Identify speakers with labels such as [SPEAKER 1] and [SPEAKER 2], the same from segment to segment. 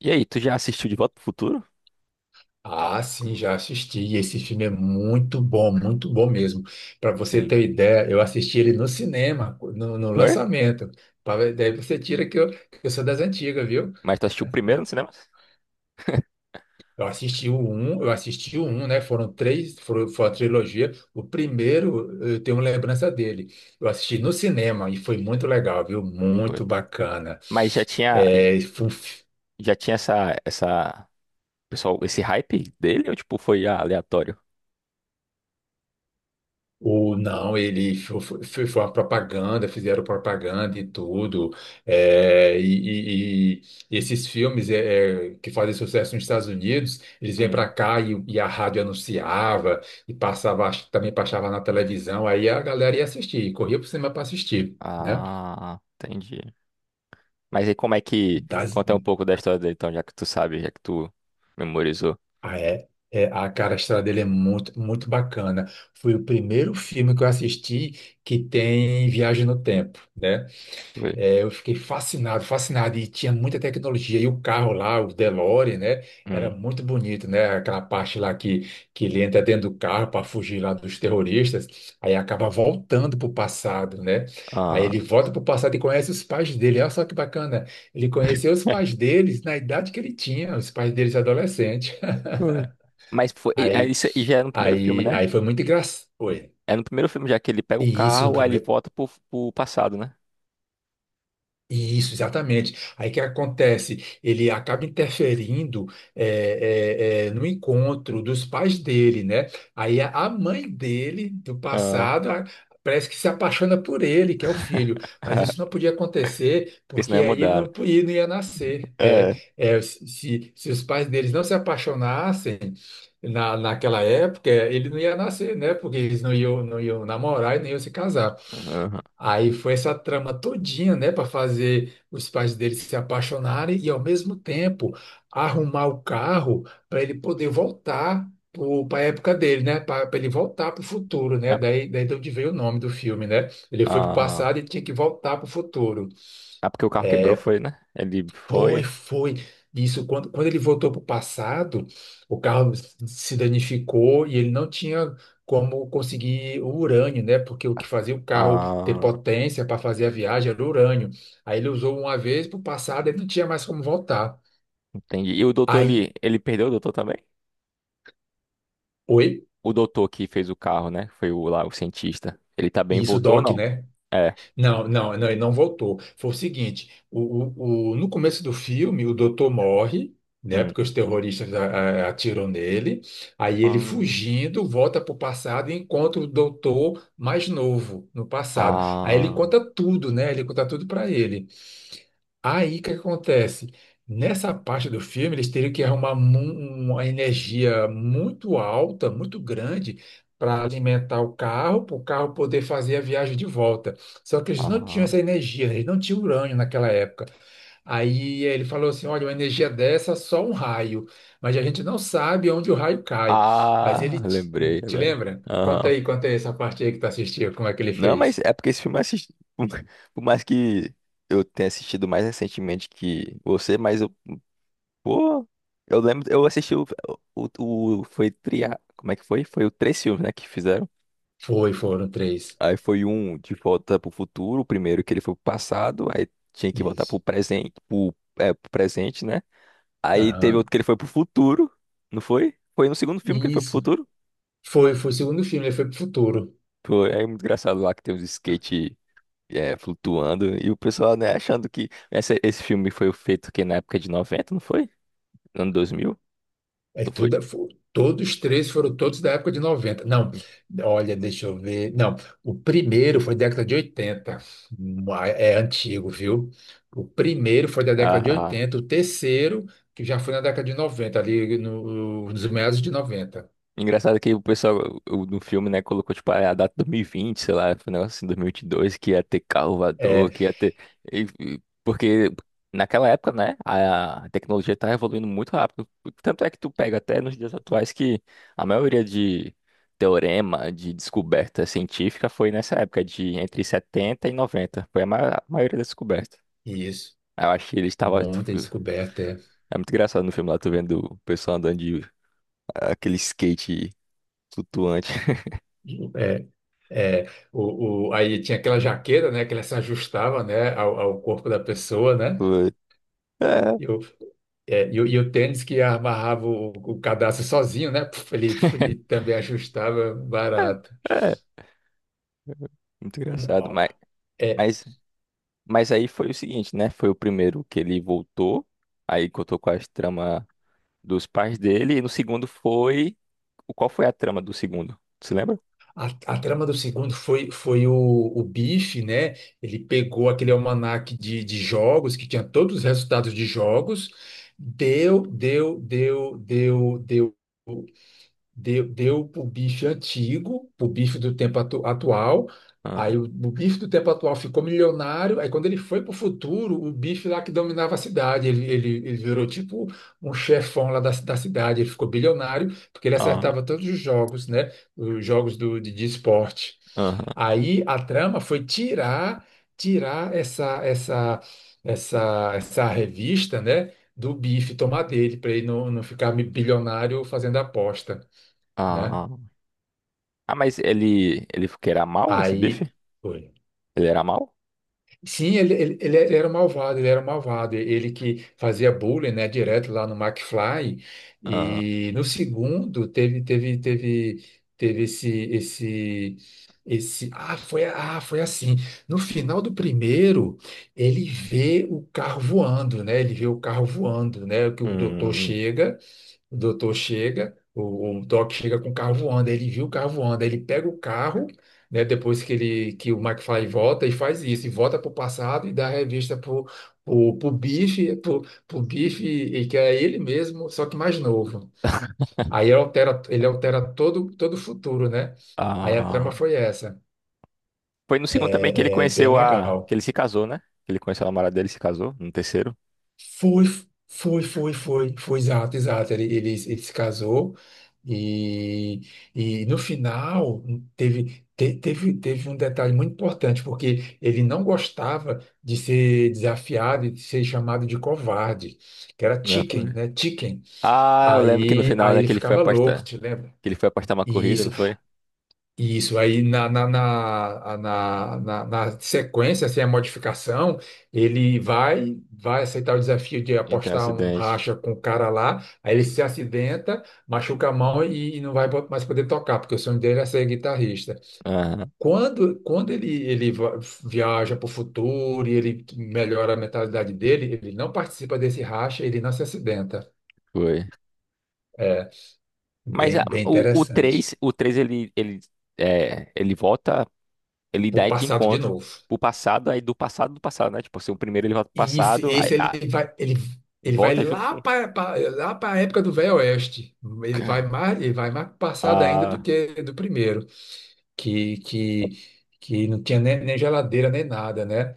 [SPEAKER 1] E aí, tu já assistiu De Volta pro Futuro?
[SPEAKER 2] Ah, sim, já assisti. E esse filme é muito bom mesmo. Para você ter
[SPEAKER 1] Sim.
[SPEAKER 2] ideia, eu assisti ele no cinema, no
[SPEAKER 1] Por?
[SPEAKER 2] lançamento. Daí você tira que eu sou das antigas, viu?
[SPEAKER 1] Mas tu assistiu primeiro no cinema?
[SPEAKER 2] Eu assisti o um, eu assisti o um, né? Foram três, foram, foi a trilogia. O primeiro, eu tenho lembrança dele. Eu assisti no cinema e foi muito legal, viu?
[SPEAKER 1] Foi.
[SPEAKER 2] Muito bacana.
[SPEAKER 1] Mas já tinha,
[SPEAKER 2] É, foi um
[SPEAKER 1] já tinha pessoal, esse hype dele ou tipo foi aleatório?
[SPEAKER 2] O, não, ele foi uma propaganda, fizeram propaganda e tudo. é, e, e- e esses filmes que fazem sucesso nos Estados Unidos, eles vêm para
[SPEAKER 1] Hum.
[SPEAKER 2] cá e a rádio anunciava e passava, acho que também passava na televisão, aí a galera ia assistir, corria para o cinema para assistir, né?
[SPEAKER 1] Ah, entendi. Mas aí como é que
[SPEAKER 2] Das-
[SPEAKER 1] conta um pouco da história dele, então, já que tu sabe, já que tu memorizou?
[SPEAKER 2] ah, é, a cara a estrada dele é muito, muito bacana. Foi o primeiro filme que eu assisti que tem viagem no tempo, né?
[SPEAKER 1] Foi.
[SPEAKER 2] É, eu fiquei fascinado, fascinado. E tinha muita tecnologia. E o carro lá, o DeLorean, né? Era
[SPEAKER 1] Hum.
[SPEAKER 2] muito bonito, né? Aquela parte lá que ele entra dentro do carro para fugir lá dos terroristas. Aí acaba voltando para o passado, né? Aí
[SPEAKER 1] Ah.
[SPEAKER 2] ele volta para o passado e conhece os pais dele. Olha só que bacana. Ele conheceu os pais deles na idade que ele tinha, os pais deles adolescentes.
[SPEAKER 1] Foi. Mas foi, é,
[SPEAKER 2] Aí,
[SPEAKER 1] isso aí já é no primeiro filme,
[SPEAKER 2] aí,
[SPEAKER 1] né?
[SPEAKER 2] aí foi muito engraçado. Oi.
[SPEAKER 1] É no primeiro filme já que ele pega o
[SPEAKER 2] E isso no
[SPEAKER 1] carro, aí ele
[SPEAKER 2] primeiro.
[SPEAKER 1] volta pro passado, né?
[SPEAKER 2] Isso, exatamente. Aí o que acontece? Ele acaba interferindo no encontro dos pais dele, né? Aí a mãe dele, do
[SPEAKER 1] Ah,
[SPEAKER 2] passado, parece que se apaixona por ele, que é o filho. Mas isso não podia acontecer,
[SPEAKER 1] porque senão ia
[SPEAKER 2] porque aí
[SPEAKER 1] mudar, né?
[SPEAKER 2] ele não ia nascer.
[SPEAKER 1] É.
[SPEAKER 2] Se, se os pais deles não se apaixonassem naquela época, ele não ia nascer, né? Porque eles não iam, não iam namorar e nem iam se casar.
[SPEAKER 1] Uhum.
[SPEAKER 2] Aí foi essa trama todinha, né, para fazer os pais dele se apaixonarem e ao mesmo tempo arrumar o carro para ele poder voltar para a época dele, né, para ele voltar para o futuro, né,
[SPEAKER 1] Ah,
[SPEAKER 2] daí de onde veio o nome do filme, né? Ele foi para o
[SPEAKER 1] ah,
[SPEAKER 2] passado e tinha que voltar para o futuro.
[SPEAKER 1] ah, porque o carro quebrou, foi, né? Ele
[SPEAKER 2] Foi,
[SPEAKER 1] foi.
[SPEAKER 2] foi. Isso, quando ele voltou para o passado, o carro se danificou e ele não tinha como conseguir o urânio, né? Porque o que fazia o carro ter
[SPEAKER 1] Ah,
[SPEAKER 2] potência para fazer a viagem era o urânio. Aí ele usou uma vez para o passado, ele não tinha mais como voltar.
[SPEAKER 1] entendi. E o doutor,
[SPEAKER 2] Aí,
[SPEAKER 1] ele perdeu o doutor também?
[SPEAKER 2] oi?
[SPEAKER 1] O doutor que fez o carro, né? Foi o lá, o cientista. Ele tá bem,
[SPEAKER 2] E isso,
[SPEAKER 1] voltou ou
[SPEAKER 2] Doc,
[SPEAKER 1] não?
[SPEAKER 2] né?
[SPEAKER 1] É.
[SPEAKER 2] Não, não, não, ele não voltou. Foi o seguinte, no começo do filme, o doutor morre, né?
[SPEAKER 1] Hum.
[SPEAKER 2] Porque os terroristas atiram nele. Aí ele
[SPEAKER 1] Ah,
[SPEAKER 2] fugindo, volta para o passado e encontra o doutor mais novo no passado. Aí ele conta tudo, né? Ele conta tudo para ele. Aí o que acontece? Nessa parte do filme, eles teriam que uma energia muito alta, muito grande, para alimentar o carro, para o carro poder fazer a viagem de volta. Só que eles
[SPEAKER 1] ah,
[SPEAKER 2] não tinham
[SPEAKER 1] ah,
[SPEAKER 2] essa energia, eles não tinham urânio naquela época. Aí ele falou assim: olha, uma energia dessa, só um raio. Mas a gente não sabe onde o raio cai. Mas
[SPEAKER 1] ah,
[SPEAKER 2] ele
[SPEAKER 1] lembrei
[SPEAKER 2] te
[SPEAKER 1] agora.
[SPEAKER 2] lembra? Conta aí essa parte aí que tu assistiu, como é que ele
[SPEAKER 1] Não, mas
[SPEAKER 2] fez?
[SPEAKER 1] é porque esse filme eu assisti. Por mais que eu tenha assistido mais recentemente que você, mas eu. Pô, eu lembro. Eu assisti foi tria. Como é que foi? Foi o três filmes, né, que fizeram.
[SPEAKER 2] Foi, foram três.
[SPEAKER 1] Aí foi um de volta pro futuro, o primeiro que ele foi pro passado, aí tinha que voltar
[SPEAKER 2] Isso.
[SPEAKER 1] pro presente, pro presente, né? Aí teve outro
[SPEAKER 2] Aham.
[SPEAKER 1] que ele foi pro futuro, não foi? Foi no segundo filme que ele foi pro
[SPEAKER 2] Isso.
[SPEAKER 1] futuro?
[SPEAKER 2] Foi, foi o segundo filme, ele foi pro futuro.
[SPEAKER 1] Foi, é muito engraçado lá que tem uns skate. É, flutuando, e o pessoal, né, achando que esse filme foi feito que na época de 90, não foi? Ano 2000? Ou foi?
[SPEAKER 2] Todos três foram todos da época de noventa. Não, olha, deixa eu ver. Não, o primeiro foi década de oitenta. É antigo, viu? O primeiro foi da década de
[SPEAKER 1] Ah,
[SPEAKER 2] oitenta, o terceiro, que já foi na década de noventa, ali no, nos meados de noventa.
[SPEAKER 1] engraçado que o pessoal no filme, né, colocou, tipo, a data 2020, sei lá, foi um negócio assim, 2022, que ia ter carro voador,
[SPEAKER 2] É,
[SPEAKER 1] que ia ter. Porque naquela época, né, a tecnologia tá evoluindo muito rápido. Tanto é que tu pega até nos dias atuais que a maioria de teorema, de descoberta científica foi nessa época, de entre 70 e 90. Foi a a maioria das descobertas.
[SPEAKER 2] isso.
[SPEAKER 1] Eu acho que ele estava.
[SPEAKER 2] Muita descoberta, é.
[SPEAKER 1] É muito engraçado no filme lá, tu vendo o pessoal andando de aquele skate flutuante.
[SPEAKER 2] É, é. Aí tinha aquela jaqueta, né, que ela se ajustava, né, ao corpo da pessoa, né?
[SPEAKER 1] É,
[SPEAKER 2] É, e o tênis que amarrava o cadastro sozinho, né? Puf, ele também ajustava barato.
[SPEAKER 1] é, é, muito
[SPEAKER 2] Um,
[SPEAKER 1] engraçado.
[SPEAKER 2] ó,
[SPEAKER 1] Mas,
[SPEAKER 2] é,
[SPEAKER 1] mas, aí foi o seguinte, né? Foi o primeiro que ele voltou, aí contou com as tramas dos pais dele, e no segundo foi. Qual foi a trama do segundo? Você lembra?
[SPEAKER 2] a trama do segundo foi, foi o Bife, né? Ele pegou aquele almanaque de jogos, que tinha todos os resultados de jogos, deu, deu, deu, deu, deu. deu para o bife antigo, para o bife do tempo atual.
[SPEAKER 1] Ah,
[SPEAKER 2] Aí o bife do tempo atual ficou milionário. Aí quando ele foi para o futuro, o bife lá que dominava a cidade, ele virou tipo um chefão lá da cidade. Ele ficou bilionário porque ele
[SPEAKER 1] ah,
[SPEAKER 2] acertava todos os jogos, né? Os jogos de esporte.
[SPEAKER 1] aham,
[SPEAKER 2] Aí a trama foi tirar essa revista, né? Do bife, tomar dele, para ele não ficar bilionário fazendo aposta, né?
[SPEAKER 1] ah, mas ele que era mal, esse
[SPEAKER 2] Aí
[SPEAKER 1] bife?
[SPEAKER 2] foi.
[SPEAKER 1] Ele era mal?
[SPEAKER 2] Sim, ele ele era um malvado, ele era um malvado. Ele que fazia bullying, né, direto lá no McFly.
[SPEAKER 1] Ah,
[SPEAKER 2] E no segundo teve teve teve teve esse esse esse ah, foi assim. No final do primeiro, ele vê o carro voando, né? Ele vê o carro voando, né? Que o doutor
[SPEAKER 1] hum,
[SPEAKER 2] chega. O doutor chega, o Doc chega com o carro voando, aí ele viu o carro voando, aí ele pega o carro, né, depois que ele que o McFly volta e faz isso, e volta pro passado e dá a revista pro Biff, pro Biff, e que é ele mesmo, só que mais novo. Aí ele altera todo o futuro, né? Aí a trama
[SPEAKER 1] ah.
[SPEAKER 2] foi essa.
[SPEAKER 1] Foi no segundo também que ele
[SPEAKER 2] É, é bem
[SPEAKER 1] conheceu a. Que
[SPEAKER 2] legal.
[SPEAKER 1] ele se casou, né? Que ele conheceu a namorada dele e se casou, no terceiro.
[SPEAKER 2] Foi, exato, exato. Ele se casou e, e no final teve, teve um detalhe muito importante, porque ele não gostava de ser desafiado e de ser chamado de covarde, que era
[SPEAKER 1] Né?
[SPEAKER 2] chicken,
[SPEAKER 1] Foi.
[SPEAKER 2] né? Chicken.
[SPEAKER 1] Ah, eu lembro que no
[SPEAKER 2] Aí,
[SPEAKER 1] final,
[SPEAKER 2] aí
[SPEAKER 1] né,
[SPEAKER 2] ele
[SPEAKER 1] que ele foi
[SPEAKER 2] ficava louco,
[SPEAKER 1] afastado.
[SPEAKER 2] te lembra?
[SPEAKER 1] Que ele foi apostar uma
[SPEAKER 2] E
[SPEAKER 1] corrida,
[SPEAKER 2] isso
[SPEAKER 1] não foi?
[SPEAKER 2] isso, aí na, na, na, na, na, na sequência, sem a modificação, ele vai aceitar o desafio de
[SPEAKER 1] Então,
[SPEAKER 2] apostar um
[SPEAKER 1] acidente.
[SPEAKER 2] racha com o cara lá, aí ele se acidenta, machuca a mão e não vai mais poder tocar, porque o sonho dele é ser guitarrista.
[SPEAKER 1] Aham,
[SPEAKER 2] Quando, quando ele va- viaja para o futuro e ele melhora a mentalidade dele, ele não participa desse racha, ele não se acidenta.
[SPEAKER 1] foi.
[SPEAKER 2] É
[SPEAKER 1] Mas
[SPEAKER 2] bem, bem
[SPEAKER 1] o
[SPEAKER 2] interessante.
[SPEAKER 1] 3, o três, ele volta, ele
[SPEAKER 2] O
[SPEAKER 1] dá de
[SPEAKER 2] passado de
[SPEAKER 1] encontro
[SPEAKER 2] novo.
[SPEAKER 1] pro passado, aí do passado, né? Tipo assim, o primeiro ele volta pro
[SPEAKER 2] E esse,
[SPEAKER 1] passado, aí
[SPEAKER 2] esse ele vai, ele, ele vai
[SPEAKER 1] volta junto
[SPEAKER 2] lá
[SPEAKER 1] com.
[SPEAKER 2] para lá para a época do Velho Oeste. Ele vai mais passado ainda do
[SPEAKER 1] Ah,
[SPEAKER 2] que do primeiro, que, que, que não tinha nem geladeira nem nada, né?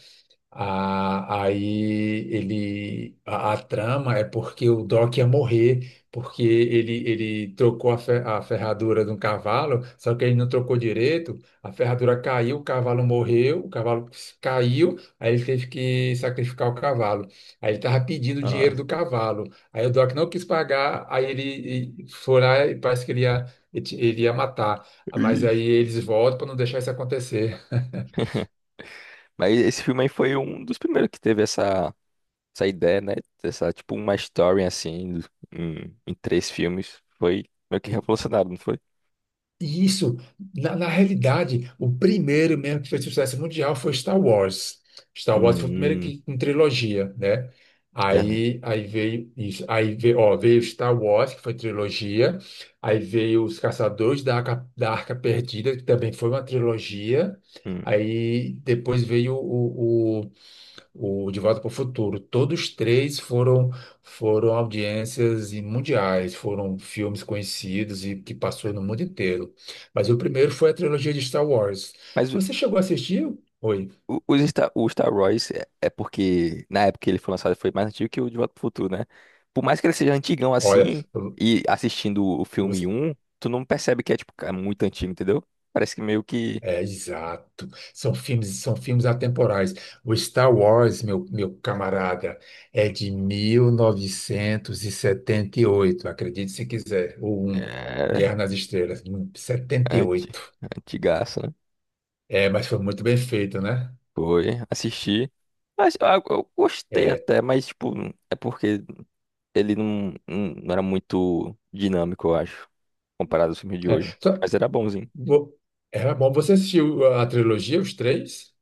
[SPEAKER 2] Ah, aí a trama é porque o Doc ia morrer, porque ele trocou a ferradura de um cavalo, só que ele não trocou direito, a ferradura caiu, o cavalo morreu, o cavalo caiu, aí ele teve que sacrificar o cavalo. Aí ele estava pedindo o
[SPEAKER 1] ah,
[SPEAKER 2] dinheiro do cavalo. Aí o Doc não quis pagar, aí foi lá e parece que ele ia matar. Mas aí
[SPEAKER 1] ixi.
[SPEAKER 2] eles voltam para não deixar isso acontecer.
[SPEAKER 1] Mas esse filme aí foi um dos primeiros que teve essa ideia, né? Essa, tipo, uma story assim, em três filmes. Foi meio que revolucionário, não foi?
[SPEAKER 2] E isso, na realidade, o primeiro mesmo que fez sucesso mundial foi Star Wars. Star Wars
[SPEAKER 1] Hum,
[SPEAKER 2] foi o primeiro
[SPEAKER 1] hum,
[SPEAKER 2] que com trilogia, né?
[SPEAKER 1] Ernest,
[SPEAKER 2] Aí veio isso, aí veio, ó, veio Star Wars, que foi trilogia, aí veio Os Caçadores da Arca Perdida, que também foi uma trilogia,
[SPEAKER 1] hum.
[SPEAKER 2] aí depois veio o De Volta para o Futuro. Todos três foram audiências e mundiais, foram filmes conhecidos e que passou no mundo inteiro. Mas o primeiro foi a trilogia de Star Wars.
[SPEAKER 1] Mas
[SPEAKER 2] Você chegou a assistir? Oi.
[SPEAKER 1] O Star Wars é porque na época que ele foi lançado ele foi mais antigo que o De Volta pro Futuro, né? Por mais que ele seja antigão
[SPEAKER 2] Olha,
[SPEAKER 1] assim, e assistindo o filme
[SPEAKER 2] você-
[SPEAKER 1] um, tu não percebe que é tipo cara, muito antigo, entendeu? Parece que meio que
[SPEAKER 2] é exato. São filmes atemporais. O Star Wars, meu camarada, é de 1978, acredite se quiser. O um, Guerra
[SPEAKER 1] é
[SPEAKER 2] nas Estrelas,
[SPEAKER 1] anti,
[SPEAKER 2] 78.
[SPEAKER 1] antigaço, né?
[SPEAKER 2] É, mas foi muito bem feito, né?
[SPEAKER 1] Foi, assisti. Mas eu gostei
[SPEAKER 2] É,
[SPEAKER 1] até, mas tipo, é porque ele não era muito dinâmico, eu acho, comparado aos filmes de
[SPEAKER 2] é,
[SPEAKER 1] hoje.
[SPEAKER 2] só-
[SPEAKER 1] Mas era bonzinho.
[SPEAKER 2] vo- era bom. Você assistiu a trilogia, os três?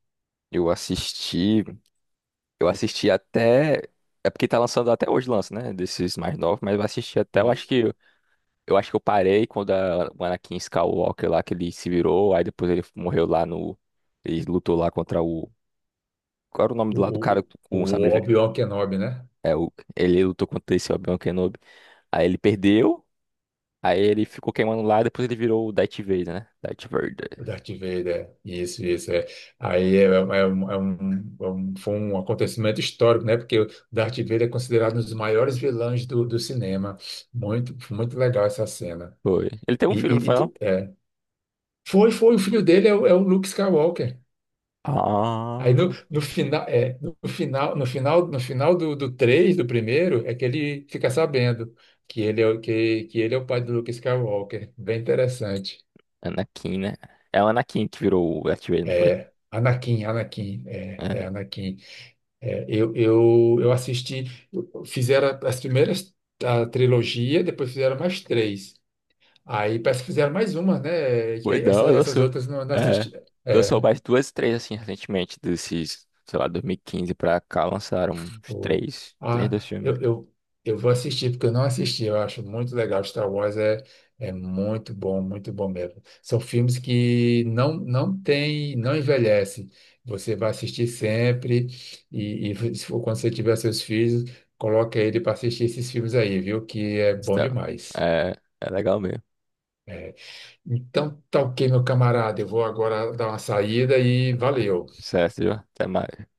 [SPEAKER 1] Eu assisti. Eu assisti até. É porque tá lançando até hoje, lança, né? Desses mais novos, mas eu assisti até. Eu acho
[SPEAKER 2] Isso.
[SPEAKER 1] que eu acho que eu parei quando o Anakin Skywalker lá que ele se virou, aí depois ele morreu lá no. Ele lutou lá contra o. Qual era o nome do lado do cara
[SPEAKER 2] O,
[SPEAKER 1] com o sabre
[SPEAKER 2] o
[SPEAKER 1] verde?
[SPEAKER 2] Obi-Wan Kenobi, né?
[SPEAKER 1] É, ele lutou contra esse Obi-Wan Kenobi. Aí ele perdeu, aí ele ficou queimando lá, depois ele virou o Darth Vader, né? Darth Vader.
[SPEAKER 2] O Darth Vader. Isso, isso. É. Aí é, é um, é um, é um- é um- foi um acontecimento histórico, né? Porque o Darth Vader é considerado um dos maiores vilões do cinema. Muito, muito legal essa cena.
[SPEAKER 1] Foi. Ele tem um filho, não foi não?
[SPEAKER 2] É. Foi, foi. O filho dele é o Luke Skywalker. Aí
[SPEAKER 1] Ah,
[SPEAKER 2] no final, é, no final, no final, no final do 3, do primeiro, é que ele fica sabendo que que ele é o pai do Luke Skywalker. Bem interessante.
[SPEAKER 1] Anakin, né? É o Anakin que virou o Darth Vader, não foi?
[SPEAKER 2] É, Anakin, Anakin, é,
[SPEAKER 1] É.
[SPEAKER 2] é Anakin. É, eu assisti, fizeram as primeiras a trilogia, depois fizeram mais três. Aí parece que fizeram mais uma, né? E
[SPEAKER 1] Foi
[SPEAKER 2] aí
[SPEAKER 1] não,
[SPEAKER 2] essas, essas
[SPEAKER 1] lançou.
[SPEAKER 2] outras não, não
[SPEAKER 1] É.
[SPEAKER 2] assisti.
[SPEAKER 1] Lançou
[SPEAKER 2] É,
[SPEAKER 1] mais duas, três, assim, recentemente, desses, sei lá, 2015 pra cá, lançaram uns
[SPEAKER 2] Pô,
[SPEAKER 1] três dos
[SPEAKER 2] Ah,
[SPEAKER 1] filmes.
[SPEAKER 2] eu, eu, eu vou assistir, porque eu não assisti, eu acho muito legal. Star Wars é, é muito bom mesmo. São filmes que não, não tem, não envelhece. Você vai assistir sempre, e se for quando você tiver seus filhos, coloca ele para assistir esses filmes aí, viu? Que é bom
[SPEAKER 1] Então,
[SPEAKER 2] demais.
[SPEAKER 1] é, é, legal mesmo.
[SPEAKER 2] É. Então, tá ok, meu camarada. Eu vou agora dar uma saída e valeu.
[SPEAKER 1] Certo, viu? Até mais.